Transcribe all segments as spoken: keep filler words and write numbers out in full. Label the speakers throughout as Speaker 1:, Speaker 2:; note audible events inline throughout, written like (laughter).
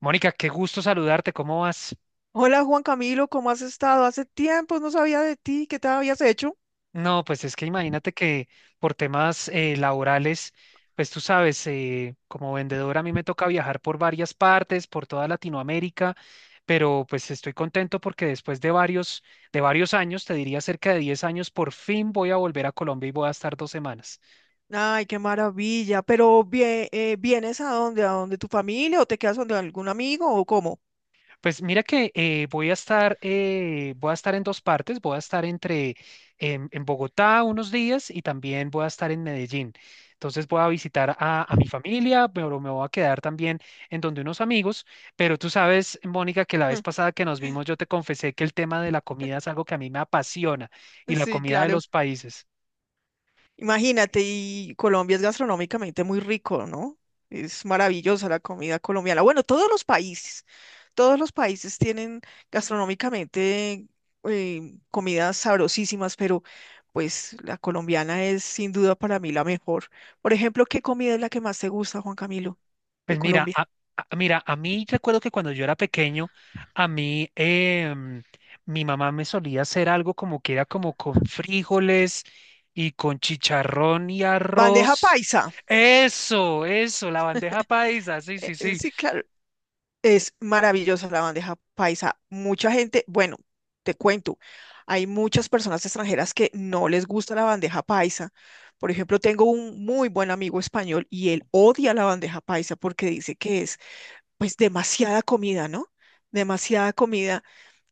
Speaker 1: Mónica, qué gusto saludarte, ¿cómo vas?
Speaker 2: Hola Juan Camilo, ¿cómo has estado? Hace tiempo no sabía de ti, ¿qué te habías hecho?
Speaker 1: No, pues es que imagínate que por temas eh, laborales, pues tú sabes, eh, como vendedora a mí me toca viajar por varias partes, por toda Latinoamérica, pero pues estoy contento porque después de varios, de varios años, te diría cerca de diez años, por fin voy a volver a Colombia y voy a estar dos semanas.
Speaker 2: Ay, qué maravilla. Pero vie- eh, ¿vienes a dónde? ¿A dónde tu familia o te quedas donde algún amigo o cómo?
Speaker 1: Pues mira que eh, voy a estar, eh, voy a estar en dos partes. Voy a estar entre en, en Bogotá unos días y también voy a estar en Medellín. Entonces voy a visitar a, a mi familia, pero me voy a quedar también en donde unos amigos. Pero tú sabes, Mónica, que la vez
Speaker 2: (laughs)
Speaker 1: pasada que nos vimos yo te confesé que el tema de la comida es algo que a mí me apasiona y la
Speaker 2: Sí,
Speaker 1: comida de
Speaker 2: claro.
Speaker 1: los países.
Speaker 2: Imagínate, y Colombia es gastronómicamente muy rico, ¿no? Es maravillosa la comida colombiana. Bueno, todos los países, todos los países tienen gastronómicamente eh, comidas sabrosísimas, pero pues la colombiana es sin duda para mí la mejor. Por ejemplo, ¿qué comida es la que más te gusta, Juan Camilo,
Speaker 1: Pues
Speaker 2: de
Speaker 1: mira, a,
Speaker 2: Colombia?
Speaker 1: a- mira, a mí recuerdo que cuando yo era pequeño, a mí em, mi mamá me solía hacer algo como que era como con frijoles y con chicharrón y
Speaker 2: Bandeja
Speaker 1: arroz.
Speaker 2: paisa.
Speaker 1: Eso, eso, la bandeja paisa, sí,
Speaker 2: Eh,
Speaker 1: sí,
Speaker 2: eh,
Speaker 1: sí.
Speaker 2: Sí, claro, es maravillosa la bandeja paisa. Mucha gente, bueno, te cuento, hay muchas personas extranjeras que no les gusta la bandeja paisa. Por ejemplo, tengo un muy buen amigo español y él odia la bandeja paisa porque dice que es pues demasiada comida, ¿no? Demasiada comida.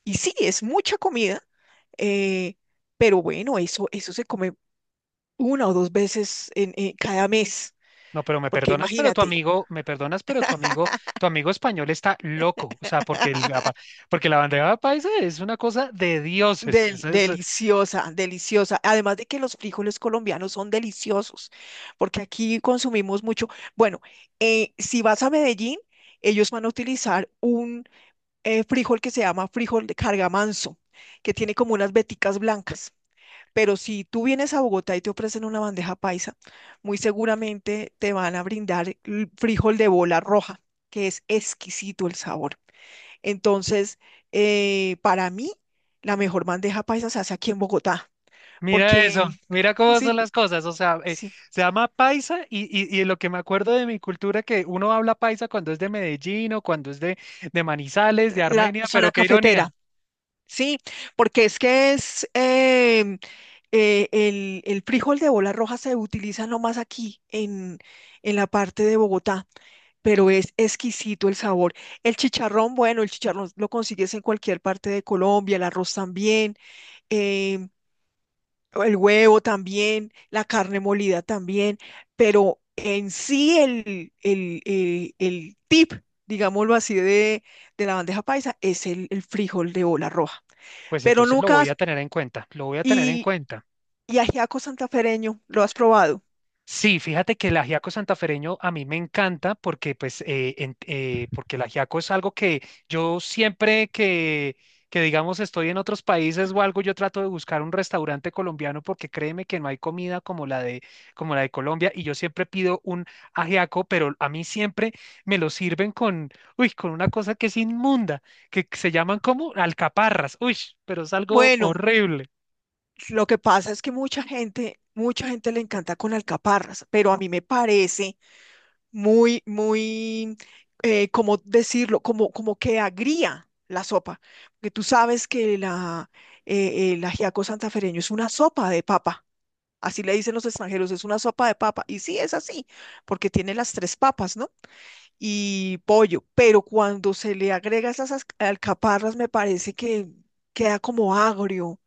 Speaker 2: Y sí, es mucha comida, eh, pero bueno, eso, eso se come una o dos veces en, en cada mes,
Speaker 1: No, pero me
Speaker 2: porque
Speaker 1: perdonas, pero tu
Speaker 2: imagínate.
Speaker 1: amigo, me perdonas, pero tu amigo, tu amigo español está loco, o sea, porque el, apa- porque la bandeja paisa es una cosa de dioses.
Speaker 2: Del- deliciosa, deliciosa. Además de que los frijoles colombianos son deliciosos, porque aquí consumimos mucho. Bueno, eh, si vas a Medellín, ellos van a utilizar un eh, frijol que se llama frijol de cargamanso, que tiene como unas veticas blancas. Pero si tú vienes a Bogotá y te ofrecen una bandeja paisa, muy seguramente te van a brindar el frijol de bola roja, que es exquisito el sabor. Entonces, eh, para mí, la mejor bandeja paisa se hace aquí en Bogotá,
Speaker 1: Mira
Speaker 2: porque
Speaker 1: eso,
Speaker 2: el-
Speaker 1: mira cómo son
Speaker 2: sí,
Speaker 1: las cosas, o sea, eh,
Speaker 2: sí,
Speaker 1: se llama paisa y, y, y lo que me acuerdo de mi cultura que uno habla paisa cuando es de Medellín o cuando es de, de Manizales, de
Speaker 2: la
Speaker 1: Armenia, pero
Speaker 2: zona
Speaker 1: qué
Speaker 2: cafetera,
Speaker 1: ironía.
Speaker 2: sí, porque es que es em, eh, el, el frijol de bola roja se utiliza nomás aquí en, en la parte de Bogotá, pero es exquisito el sabor. El chicharrón, bueno, el chicharrón lo consigues en cualquier parte de Colombia, el arroz también. em, El huevo también, la carne molida también, pero en sí el, el, el- el tip, digámoslo así, de, de la bandeja paisa es el, el frijol de bola roja.
Speaker 1: Pues
Speaker 2: Pero
Speaker 1: entonces lo
Speaker 2: nunca
Speaker 1: voy a
Speaker 2: has-
Speaker 1: tener en cuenta, lo voy a tener en
Speaker 2: y,
Speaker 1: cuenta.
Speaker 2: y ajiaco santafereño, ¿lo has probado?
Speaker 1: Sí, fíjate que el ajiaco santafereño a mí me encanta porque, pues, eh, en- eh, porque el ajiaco es algo que yo siempre que, que, digamos, estoy en otros países o algo, yo trato de buscar un restaurante colombiano porque créeme que no hay comida como la de, como la de Colombia y yo siempre pido un ajiaco, pero a mí siempre me lo sirven con, uy, con una cosa que es inmunda, que se llaman como alcaparras, uy, pero es algo
Speaker 2: Bueno,
Speaker 1: horrible.
Speaker 2: lo que pasa es que mucha gente, mucha gente le encanta con alcaparras, pero a mí me parece muy, muy, eh, ¿cómo decirlo? Como, como que agría la sopa, porque tú sabes que la, eh, el ajiaco santafereño es una sopa de papa, así le dicen los extranjeros, es una sopa de papa, y sí, es así, porque tiene las tres papas, ¿no? Y pollo, pero cuando se le agrega esas as- alcaparras, me parece que queda como agrio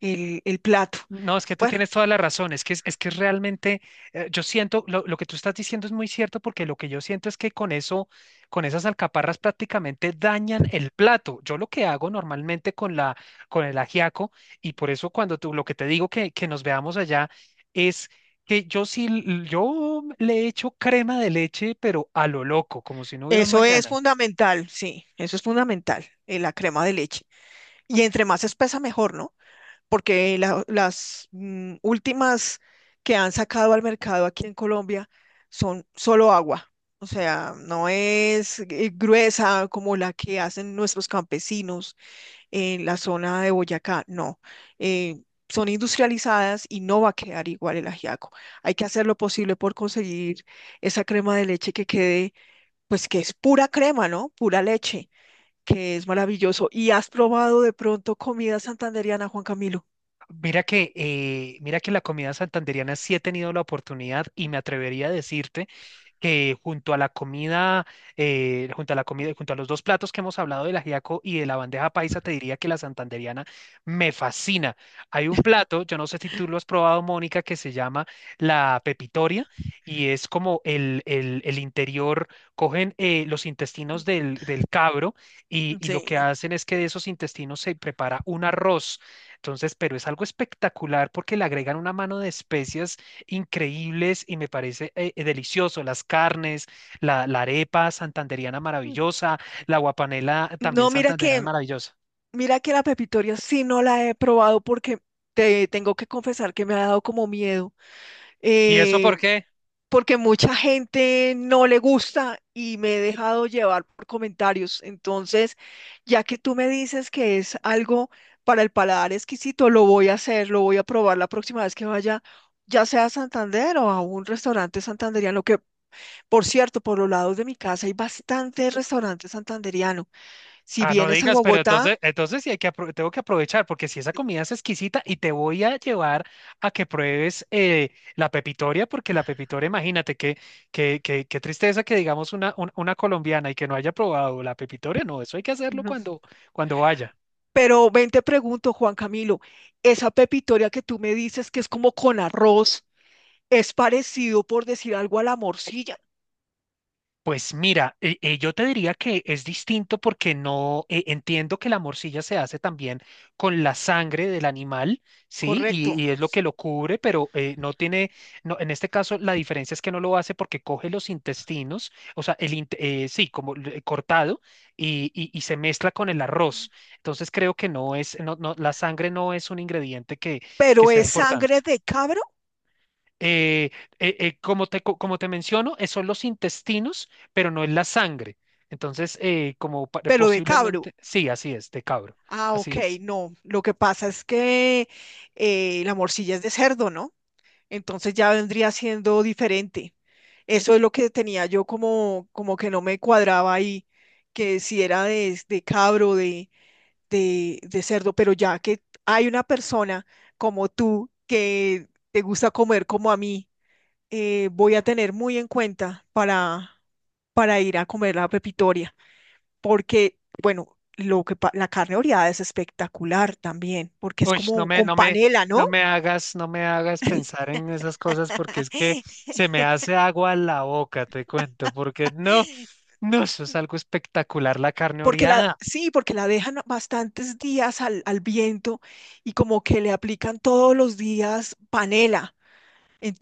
Speaker 2: el, el plato.
Speaker 1: No, es que tú
Speaker 2: Bueno,
Speaker 1: tienes toda la razón, es que es, es que realmente eh, yo siento lo, lo que tú estás diciendo es muy cierto porque lo que yo siento es que con eso, con esas alcaparras prácticamente dañan el plato. Yo lo que hago normalmente con la con el ajiaco y por eso cuando tú lo que te digo que, que nos veamos allá es que yo sí l- yo le echo crema de leche pero a lo loco, como si no hubiera un
Speaker 2: eso es
Speaker 1: mañana.
Speaker 2: fundamental, sí, eso es fundamental, eh, la crema de leche. Y entre más espesa, mejor, ¿no? Porque la- las mm, últimas que han sacado al mercado aquí en Colombia son solo agua. O sea, no es eh, gruesa como la que hacen nuestros campesinos en la zona de Boyacá, no. Eh, Son industrializadas y no va a quedar igual el ajiaco. Hay que hacer lo posible por conseguir esa crema de leche que quede, pues que es pura crema, ¿no? Pura leche que es maravilloso. ¿Y has probado de pronto comida santandereana, Juan Camilo?
Speaker 1: Mira que, eh, mira que la comida santandereana sí he tenido la oportunidad y me atrevería a decirte que junto a la comida, eh, junto a la comida, junto a los dos platos que hemos hablado del ajiaco y de la bandeja paisa, te diría que la santandereana me fascina. Hay un plato, yo no sé si tú lo has probado, Mónica, que se llama la pepitoria y es como el, el, el interior, cogen eh, los intestinos del, del cabro y, y lo que
Speaker 2: Sí.
Speaker 1: hacen es que de esos intestinos se prepara un arroz. Entonces, pero es algo espectacular porque le agregan una mano de especias increíbles y me parece eh, eh, delicioso. Las carnes, la, la arepa santandereana maravillosa, la guapanela también
Speaker 2: No, mira
Speaker 1: santanderana
Speaker 2: que,
Speaker 1: maravillosa.
Speaker 2: mira que la pepitoria sí no la he probado porque te tengo que confesar que me ha dado como miedo,
Speaker 1: ¿Y eso por
Speaker 2: eh,
Speaker 1: qué?
Speaker 2: porque mucha gente no le gusta y me he dejado llevar por comentarios. Entonces, ya que tú me dices que es algo para el paladar exquisito, lo voy a hacer, lo voy a probar la próxima vez que vaya, ya sea a Santander o a un restaurante santandereano, que por cierto, por los lados de mi casa hay bastante restaurante santandereano. Si
Speaker 1: Ah, no
Speaker 2: vienes a
Speaker 1: digas, pero
Speaker 2: Bogotá,
Speaker 1: entonces, entonces sí hay que apro- tengo que aprovechar, porque si esa comida es exquisita y te voy a llevar a que pruebes eh, la pepitoria, porque la pepitoria, imagínate qué que, que, que tristeza que digamos una, un- una colombiana y que no haya probado la pepitoria, no, eso hay que hacerlo
Speaker 2: no.
Speaker 1: cuando, cuando vaya.
Speaker 2: Pero ven, te pregunto, Juan Camilo, esa pepitoria que tú me dices que es como con arroz, es parecido, por decir algo, a la morcilla,
Speaker 1: Pues mira, eh, eh, yo te diría que es distinto porque no eh, entiendo que la morcilla se hace también con la sangre del animal, ¿sí? Y,
Speaker 2: correcto.
Speaker 1: y es lo que lo cubre, pero eh, no tiene, no, en este caso la diferencia es que no lo hace porque coge los intestinos, o sea, el, inte- eh, sí, como l- eh, cortado y, y- y se mezcla con el arroz. Entonces creo que no es, no, no, la sangre no es un ingrediente que, que
Speaker 2: Pero
Speaker 1: sea
Speaker 2: es
Speaker 1: importante
Speaker 2: sangre de cabro,
Speaker 1: eh, eh, eh, como te, co- como te menciono, eh, son los intestinos, pero no es la sangre. Entonces, eh, como pa-
Speaker 2: pero de cabro.
Speaker 1: posiblemente, sí, así es, de cabro,
Speaker 2: Ah,
Speaker 1: así
Speaker 2: ok,
Speaker 1: es.
Speaker 2: no. Lo que pasa es que eh, la morcilla es de cerdo, ¿no? Entonces ya vendría siendo diferente. Eso es lo que tenía yo como, como que no me cuadraba ahí, que si era de, de cabro, de, de, de cerdo, pero ya que hay una persona como tú que te gusta comer como a mí, eh, voy a tener muy en cuenta para, para ir a comer la pepitoria, porque, bueno, lo que, pa- la carne oreada es espectacular también, porque es
Speaker 1: Uy, no
Speaker 2: como
Speaker 1: me,
Speaker 2: con
Speaker 1: no me,
Speaker 2: panela, ¿no?
Speaker 1: no me hagas, no me hagas pensar en esas cosas porque es que
Speaker 2: (laughs)
Speaker 1: se me hace agua la boca, te cuento, porque no, no, eso es algo espectacular, la carne
Speaker 2: Porque la,
Speaker 1: oreada.
Speaker 2: sí, porque la dejan bastantes días al, al viento y como que le aplican todos los días panela.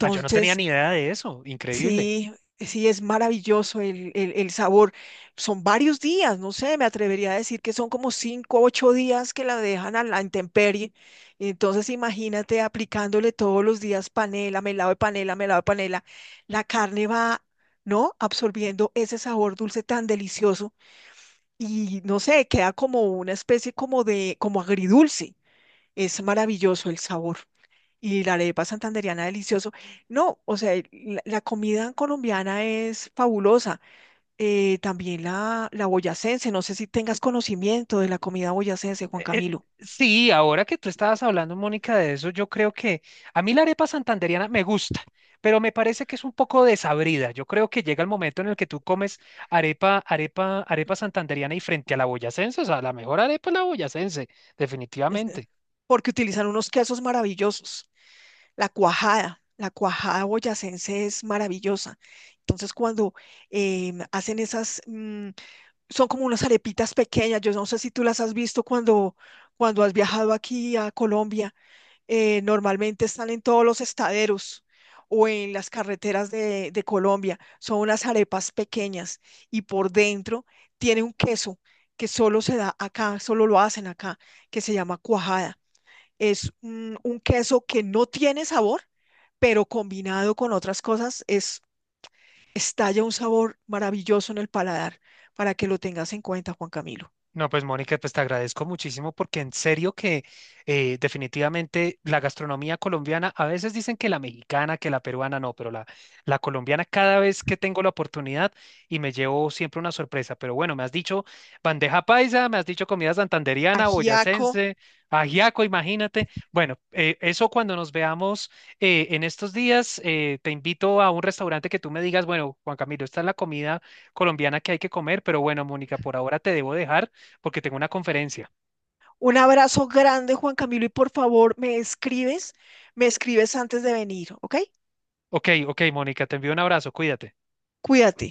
Speaker 1: Ah, yo no tenía ni idea de eso, increíble.
Speaker 2: sí, sí, es maravilloso el, el- el sabor. Son varios días, no sé, me atrevería a decir que son como cinco, o ocho días que la dejan a la intemperie. Entonces, imagínate aplicándole todos los días panela, melado de panela, melado de panela. La carne va, ¿no? Absorbiendo ese sabor dulce tan delicioso y no sé, queda como una especie como de, como agridulce. Es maravilloso el sabor. Y la arepa santandereana delicioso. No, o sea, el- la, la comida colombiana es fabulosa. Eh, también la, la boyacense, no sé si tengas conocimiento de la comida boyacense, Juan
Speaker 1: Eh,
Speaker 2: Camilo.
Speaker 1: Sí, ahora que tú estabas hablando, Mónica, de eso, yo creo que a mí la arepa santandereana me gusta, pero me parece que es un poco desabrida. Yo creo que llega el momento en el que tú comes arepa, arepa, arepa santandereana y frente a la boyacense, o sea, la mejor arepa es la boyacense,
Speaker 2: Este,
Speaker 1: definitivamente.
Speaker 2: Porque utilizan unos quesos maravillosos. La cuajada, la cuajada boyacense es maravillosa. Entonces, cuando em, hacen esas mm, son como unas arepitas pequeñas. Yo no sé si tú las has visto cuando, cuando has viajado aquí a Colombia. Eh, normalmente están en todos los estaderos o en las carreteras de, de Colombia. Son unas arepas pequeñas y por dentro tiene un queso que solo se da acá, solo lo hacen acá, que se llama cuajada. Es un, un queso que no tiene sabor, pero combinado con otras cosas es estalla un sabor maravilloso en el paladar para que lo tengas en cuenta, Juan Camilo.
Speaker 1: No, pues Mónica, pues te agradezco muchísimo porque en serio que eh, definitivamente la gastronomía colombiana, a veces dicen que la mexicana, que la peruana, no, pero la, la colombiana cada vez que tengo la oportunidad y me llevo siempre una sorpresa. Pero bueno, me has dicho bandeja paisa, me has dicho comida santandereana,
Speaker 2: Ajiaco.
Speaker 1: boyacense, ajiaco, imagínate. Bueno, eh, eso cuando nos veamos eh, en estos días, eh, te invito a un restaurante que tú me digas, bueno, Juan Camilo, esta es la comida colombiana que hay que comer, pero bueno, Mónica, por ahora te debo dejar porque tengo una conferencia.
Speaker 2: Un abrazo grande, Juan Camilo, y por favor, me escribes, me escribes antes de venir, ¿ok?
Speaker 1: Ok, ok, Mónica, te envío un abrazo, cuídate.
Speaker 2: Cuídate.